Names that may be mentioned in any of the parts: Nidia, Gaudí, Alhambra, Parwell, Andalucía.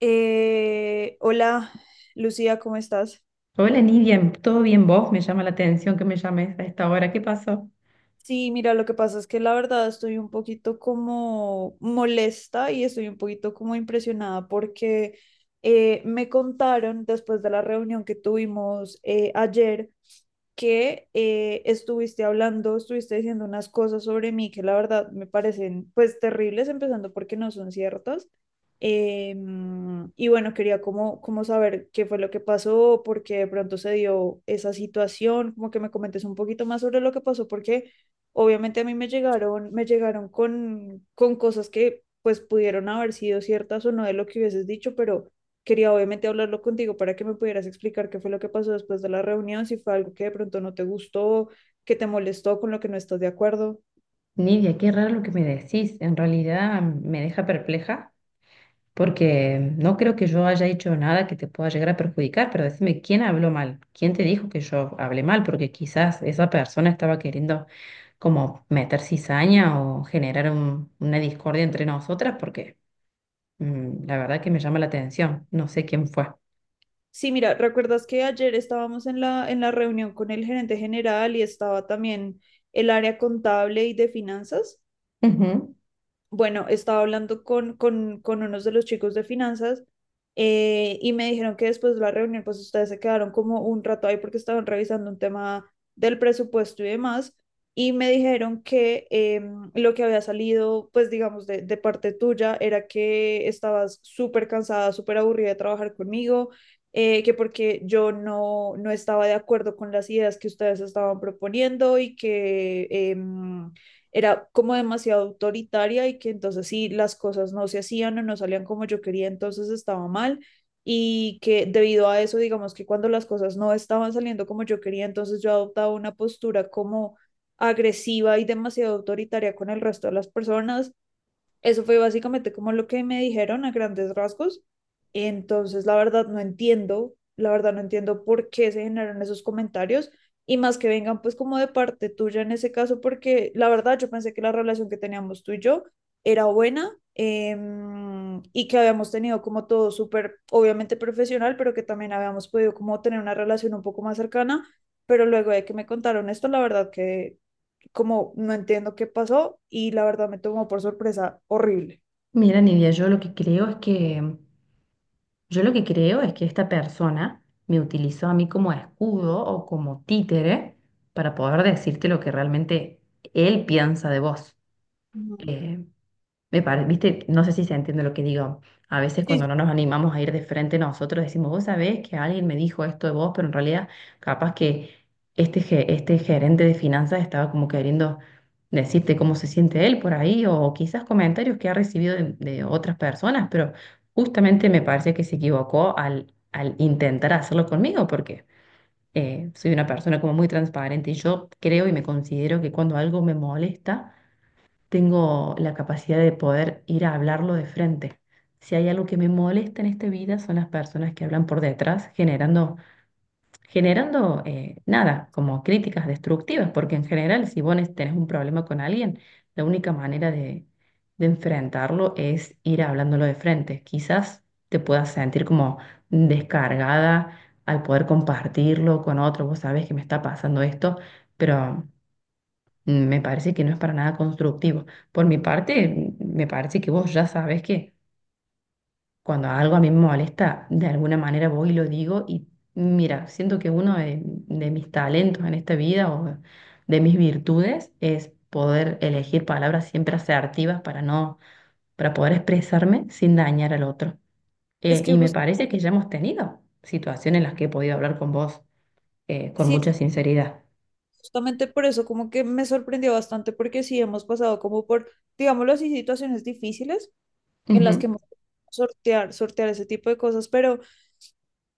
Hola, Lucía, ¿cómo estás? Hola Nidia, ¿todo bien vos? Me llama la atención que me llames a esta hora. ¿Qué pasó? Sí, mira, lo que pasa es que la verdad estoy un poquito como molesta y estoy un poquito como impresionada porque me contaron después de la reunión que tuvimos ayer que estuviste diciendo unas cosas sobre mí que la verdad me parecen pues terribles, empezando porque no son ciertas. Eh, y bueno, quería como, como saber qué fue lo que pasó, por qué de pronto se dio esa situación, como que me comentes un poquito más sobre lo que pasó, porque obviamente a mí me llegaron con cosas que pues pudieron haber sido ciertas o no de lo que hubieses dicho, pero quería obviamente hablarlo contigo para que me pudieras explicar qué fue lo que pasó después de la reunión, si fue algo que de pronto no te gustó, que te molestó, con lo que no estás de acuerdo. Nidia, qué raro lo que me decís. En realidad me deja perpleja porque no creo que yo haya hecho nada que te pueda llegar a perjudicar, pero decime, ¿quién habló mal? ¿Quién te dijo que yo hablé mal? Porque quizás esa persona estaba queriendo como meter cizaña o generar una discordia entre nosotras porque la verdad que me llama la atención. No sé quién fue. Sí, mira, ¿recuerdas que ayer estábamos en en la reunión con el gerente general y estaba también el área contable y de finanzas? Ujú. Bueno, estaba hablando con unos de los chicos de finanzas, y me dijeron que después de la reunión, pues ustedes se quedaron como un rato ahí porque estaban revisando un tema del presupuesto y demás. Y me dijeron que lo que había salido, pues digamos, de parte tuya era que estabas súper cansada, súper aburrida de trabajar conmigo, que porque yo no estaba de acuerdo con las ideas que ustedes estaban proponiendo y que era como demasiado autoritaria y que entonces si las cosas no se hacían o no salían como yo quería, entonces estaba mal y que debido a eso, digamos que cuando las cosas no estaban saliendo como yo quería, entonces yo adoptaba una postura como agresiva y demasiado autoritaria con el resto de las personas. Eso fue básicamente como lo que me dijeron a grandes rasgos. Entonces, la verdad no entiendo por qué se generaron esos comentarios y más que vengan pues como de parte tuya en ese caso, porque la verdad yo pensé que la relación que teníamos tú y yo era buena, y que habíamos tenido como todo súper, obviamente profesional, pero que también habíamos podido como tener una relación un poco más cercana, pero luego de que me contaron esto, la verdad que como no entiendo qué pasó y la verdad me tomó por sorpresa horrible. Mira, Nidia, Yo lo que creo es que esta persona me utilizó a mí como escudo o como títere para poder decirte lo que realmente él piensa de vos. Ujú. Eh, viste, no sé si se entiende lo que digo. A veces Sí, sí, cuando no nos animamos a ir de frente nosotros decimos, vos sabés que alguien me dijo esto de vos, pero en realidad capaz que este gerente de finanzas estaba como queriendo decirte cómo se siente él por ahí o quizás comentarios que ha recibido de otras personas, pero justamente me parece que se equivocó al intentar hacerlo conmigo porque soy una persona como muy transparente y yo creo y me considero que cuando algo me molesta tengo la capacidad de poder ir a hablarlo de frente. Si hay algo que me molesta en esta vida son las personas que hablan por detrás, generando nada, como críticas destructivas, porque en general si tenés un problema con alguien, la única manera de enfrentarlo es ir hablándolo de frente. Quizás te puedas sentir como descargada al poder compartirlo con otro, vos sabés que me está pasando esto, pero me parece que no es para nada constructivo. Por mi parte, me parece que vos ya sabes que cuando algo a mí me molesta, de alguna manera voy y lo digo y mira, siento que uno de mis talentos en esta vida o de mis virtudes es poder elegir palabras siempre asertivas para poder expresarme sin dañar al otro. es que Y me jus- parece que ya hemos tenido situaciones en las que he podido hablar con vos con sí, es mucha que sinceridad. justamente por eso como que me sorprendió bastante porque sí hemos pasado como por, digámoslo así, situaciones difíciles en las que Ujú, hemos tenido que sortear ese tipo de cosas, pero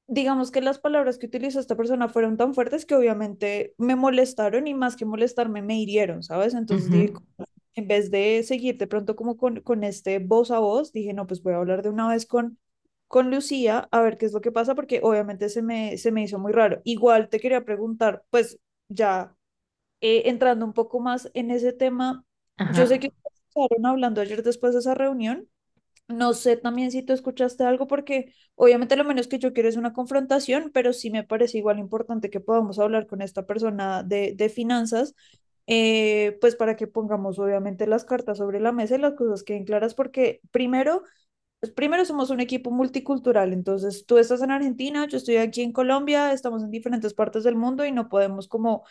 digamos que las palabras que utilizó esta persona fueron tan fuertes que obviamente me molestaron y más que molestarme me hirieron, ¿sabes? Entonces ujú. dije, en vez de seguir de pronto como con este voz a voz, dije, no, pues voy a hablar de una vez con Lucía a ver qué es lo que pasa, porque obviamente se me hizo muy raro. Igual te quería preguntar, pues ya entrando un poco más en ese tema, Ajá. yo sé que estaban hablando ayer después de esa reunión. No sé también si tú escuchaste algo, porque obviamente lo menos que yo quiero es una confrontación, pero sí me parece igual importante que podamos hablar con esta persona de finanzas, pues para que pongamos obviamente las cartas sobre la mesa y las cosas queden claras, porque primero, pues primero somos un equipo multicultural, entonces tú estás en Argentina, yo estoy aquí en Colombia, estamos en diferentes partes del mundo y no podemos como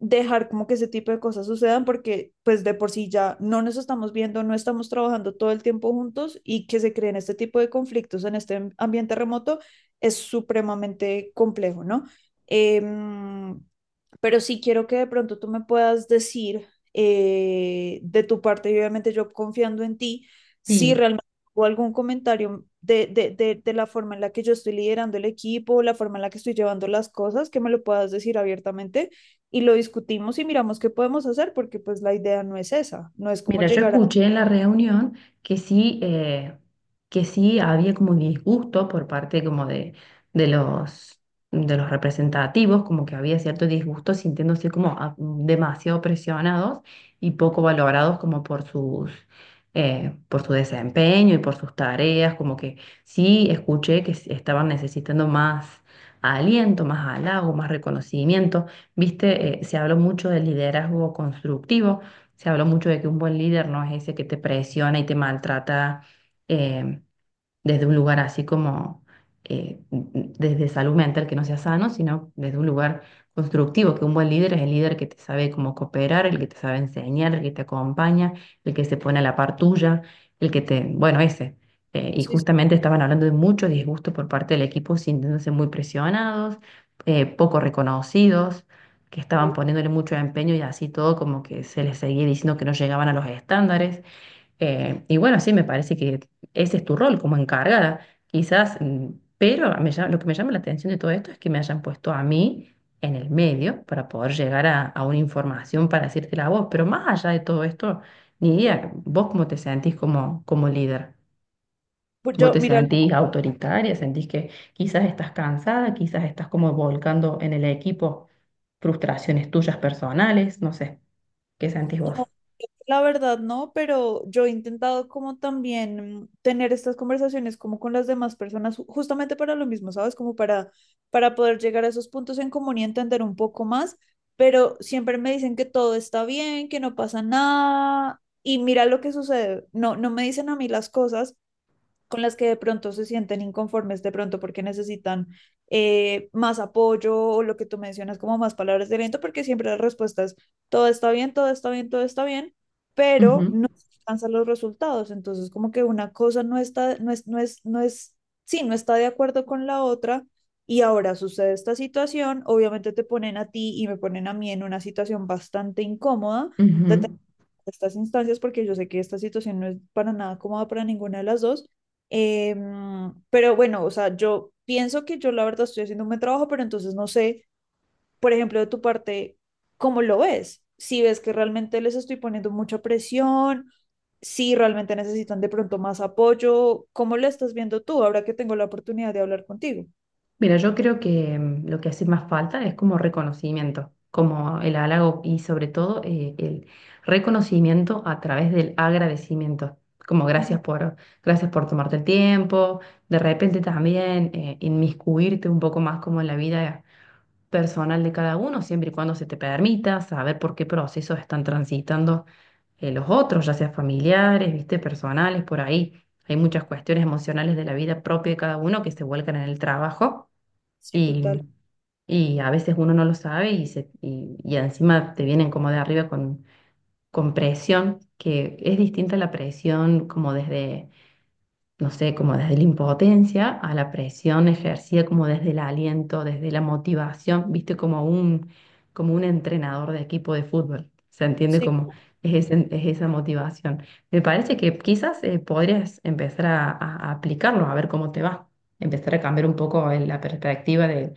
dejar como que ese tipo de cosas sucedan porque pues de por sí ya no nos estamos viendo, no estamos trabajando todo el tiempo juntos y que se creen este tipo de conflictos en este ambiente remoto es supremamente complejo, ¿no? Eh, pero sí quiero que de pronto tú me puedas decir, de tu parte, y obviamente yo confiando en ti, si Sí, realmente o algún comentario de la forma en la que yo estoy liderando el equipo, la forma en la que estoy llevando las cosas, que me lo puedas decir abiertamente y lo discutimos y miramos qué podemos hacer, porque pues la idea no es esa, no es como mira, yo llegar a... escuché en la reunión que sí había como un disgusto por parte como de los, de los representativos, como que había cierto disgusto sintiéndose como demasiado presionados y poco valorados como por sus, por su desempeño y por sus tareas, como que sí escuché que estaban necesitando más aliento, más halago, más reconocimiento. Viste, se habló mucho del liderazgo constructivo. Se habló mucho de que un buen líder no es ese que te presiona y te maltrata, eh, desde un lugar así como, desde salud mental que no sea sano, sino desde un lugar constructivo, que un buen líder es el líder que te sabe cómo cooperar, el que te sabe enseñar, el que te acompaña, el que se pone a la par tuya, el que te, bueno, ese. Y Sí, sí, justamente estaban hablando de mucho disgusto por parte del equipo, sintiéndose muy presionados, poco reconocidos, que estaban sí. poniéndole mucho empeño y así todo como que se les seguía diciendo que no llegaban a los estándares. Y bueno, sí, me parece que ese es tu rol como encargada, quizás, pero lo que me llama la atención de todo esto es que me hayan puesto a mí en el medio para poder llegar a una información para decírtela a vos, pero más allá de todo esto, ni idea, vos cómo te sentís como, como líder, vos Yo, te mira, sentís autoritaria, sentís que quizás estás cansada, quizás estás como volcando en el equipo frustraciones tuyas personales, no sé, ¿qué sentís vos? la verdad, no, pero yo he intentado como también tener estas conversaciones como con las demás personas, justamente para lo mismo, ¿sabes? Como para poder llegar a esos puntos en común y entender un poco más, pero siempre me dicen que todo está bien, que no pasa nada y mira lo que sucede. No, no me dicen a mí las cosas con las que de pronto se sienten inconformes, de pronto porque necesitan más apoyo o lo que tú mencionas como más palabras de aliento, porque siempre las respuestas, todo está bien, todo está bien, todo está bien, Ujú, pero no se alcanzan los resultados. Entonces, como que una cosa no está, no es, no es, no es, sí, no está de acuerdo con la otra. Y ahora sucede esta situación, obviamente te ponen a ti y me ponen a mí en una situación bastante incómoda, de ujú. estas instancias, porque yo sé que esta situación no es para nada cómoda para ninguna de las dos. Pero bueno, o sea, yo pienso que yo la verdad estoy haciendo un buen trabajo, pero entonces no sé, por ejemplo, de tu parte, ¿cómo lo ves? Si ves que realmente les estoy poniendo mucha presión, si realmente necesitan de pronto más apoyo, ¿cómo lo estás viendo tú ahora que tengo la oportunidad de hablar contigo? Mira, yo creo que lo que hace más falta es como reconocimiento, como el halago y sobre todo el reconocimiento a través del agradecimiento, como Ujú. gracias por, gracias por tomarte el tiempo, de repente también inmiscuirte un poco más como en la vida personal de cada uno, siempre y cuando se te permita saber por qué procesos están transitando los otros, ya sea familiares, viste, personales, por ahí. Hay muchas cuestiones emocionales de la vida propia de cada uno que se vuelcan en el trabajo Sí, y, total. y a veces uno no lo sabe y, se, y encima te vienen como de arriba con presión, que es distinta la presión como desde no sé, como desde la impotencia a la presión ejercida como desde el aliento, desde la motivación, viste, como un entrenador de equipo de fútbol. Se entiende Sí. como es, es esa motivación. Me parece que quizás podrías empezar a, a aplicarlo, a ver cómo te va. Empezar a cambiar un poco la perspectiva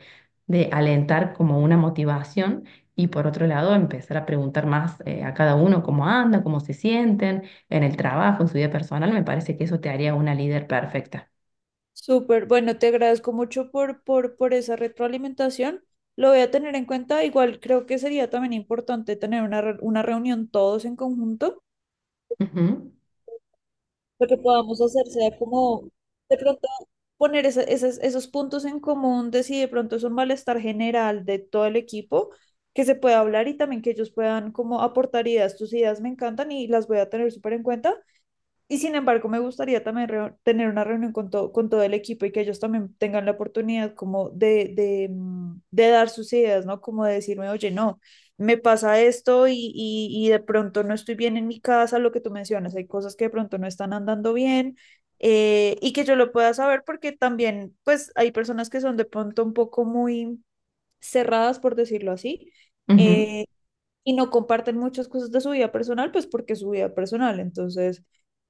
de alentar como una motivación y por otro lado empezar a preguntar más a cada uno cómo anda, cómo se sienten en el trabajo, en su vida personal, me parece que eso te haría una líder perfecta. Súper, bueno, te agradezco mucho por esa retroalimentación. Lo voy a tener en cuenta. Igual creo que sería también importante tener una, una reunión todos en conjunto. Ujú, Lo que podamos hacer sea como de pronto poner esos puntos en común de si de pronto es un malestar general de todo el equipo, que se pueda hablar y también que ellos puedan como aportar ideas. Tus ideas me encantan y las voy a tener súper en cuenta. Y sin embargo, me gustaría también tener una reunión con, con todo el equipo y que ellos también tengan la oportunidad como de dar sus ideas, ¿no? Como de decirme, oye, no, me pasa esto y de pronto no estoy bien en mi casa, lo que tú mencionas, hay cosas que de pronto no están andando bien, y que yo lo pueda saber porque también, pues, hay personas que son de pronto un poco muy cerradas, por decirlo así. ujú. eh, y no comparten muchas cosas de su vida personal, pues porque es su vida personal. Entonces,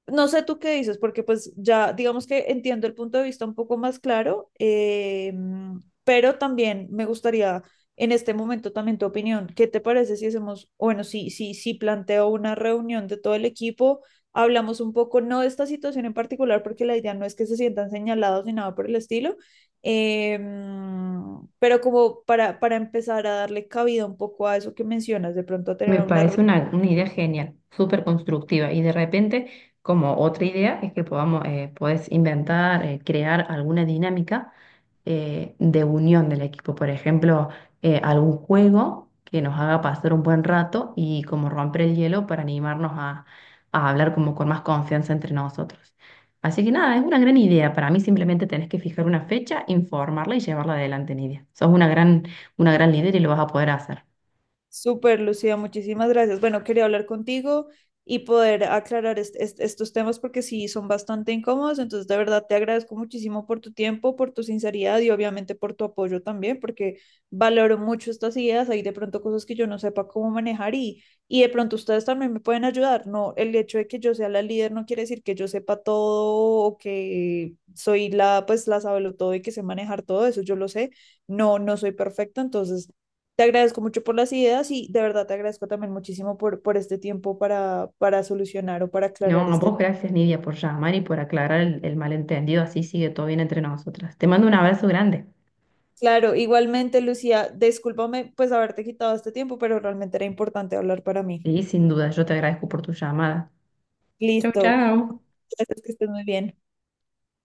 no sé tú qué dices, porque pues ya digamos que entiendo el punto de vista un poco más claro, pero también me gustaría en este momento también tu opinión. ¿Qué te parece si hacemos, bueno, si planteo una reunión de todo el equipo, hablamos un poco, no de esta situación en particular, porque la idea no es que se sientan señalados ni nada por el estilo, eh, pero como para empezar a darle cabida un poco a eso que mencionas, de pronto a tener Me una... parece una idea genial, súper constructiva. Y de repente, como otra idea, es que podamos, puedes inventar, crear alguna dinámica de unión del equipo. Por ejemplo, algún juego que nos haga pasar un buen rato y como romper el hielo para animarnos a hablar como con más confianza entre nosotros. Así que nada, es una gran idea. Para mí simplemente tenés que fijar una fecha, informarla y llevarla adelante, Nidia. Sos una gran líder y lo vas a poder hacer. Súper, Lucía, muchísimas gracias. Bueno, quería hablar contigo y poder aclarar estos temas porque sí son bastante incómodos. Entonces, de verdad, te agradezco muchísimo por tu tiempo, por tu sinceridad y obviamente por tu apoyo también, porque valoro mucho estas ideas. Hay de pronto cosas que yo no sepa cómo manejar y de pronto ustedes también me pueden ayudar. No, el hecho de que yo sea la líder no quiere decir que yo sepa todo o que soy la, pues, la todo y que sé manejar todo eso. Yo lo sé. No, no soy perfecta, entonces te agradezco mucho por las ideas y de verdad te agradezco también muchísimo por este tiempo para solucionar o para aclarar No, a este. vos gracias, Nidia, por llamar y por aclarar el malentendido. Así sigue todo bien entre nosotras. Te mando un abrazo grande. Claro, igualmente, Lucía, discúlpame pues haberte quitado este tiempo, pero realmente era importante hablar para mí. Y sin duda, yo te agradezco por tu llamada. Chau, Listo, chau. gracias, que estés muy bien.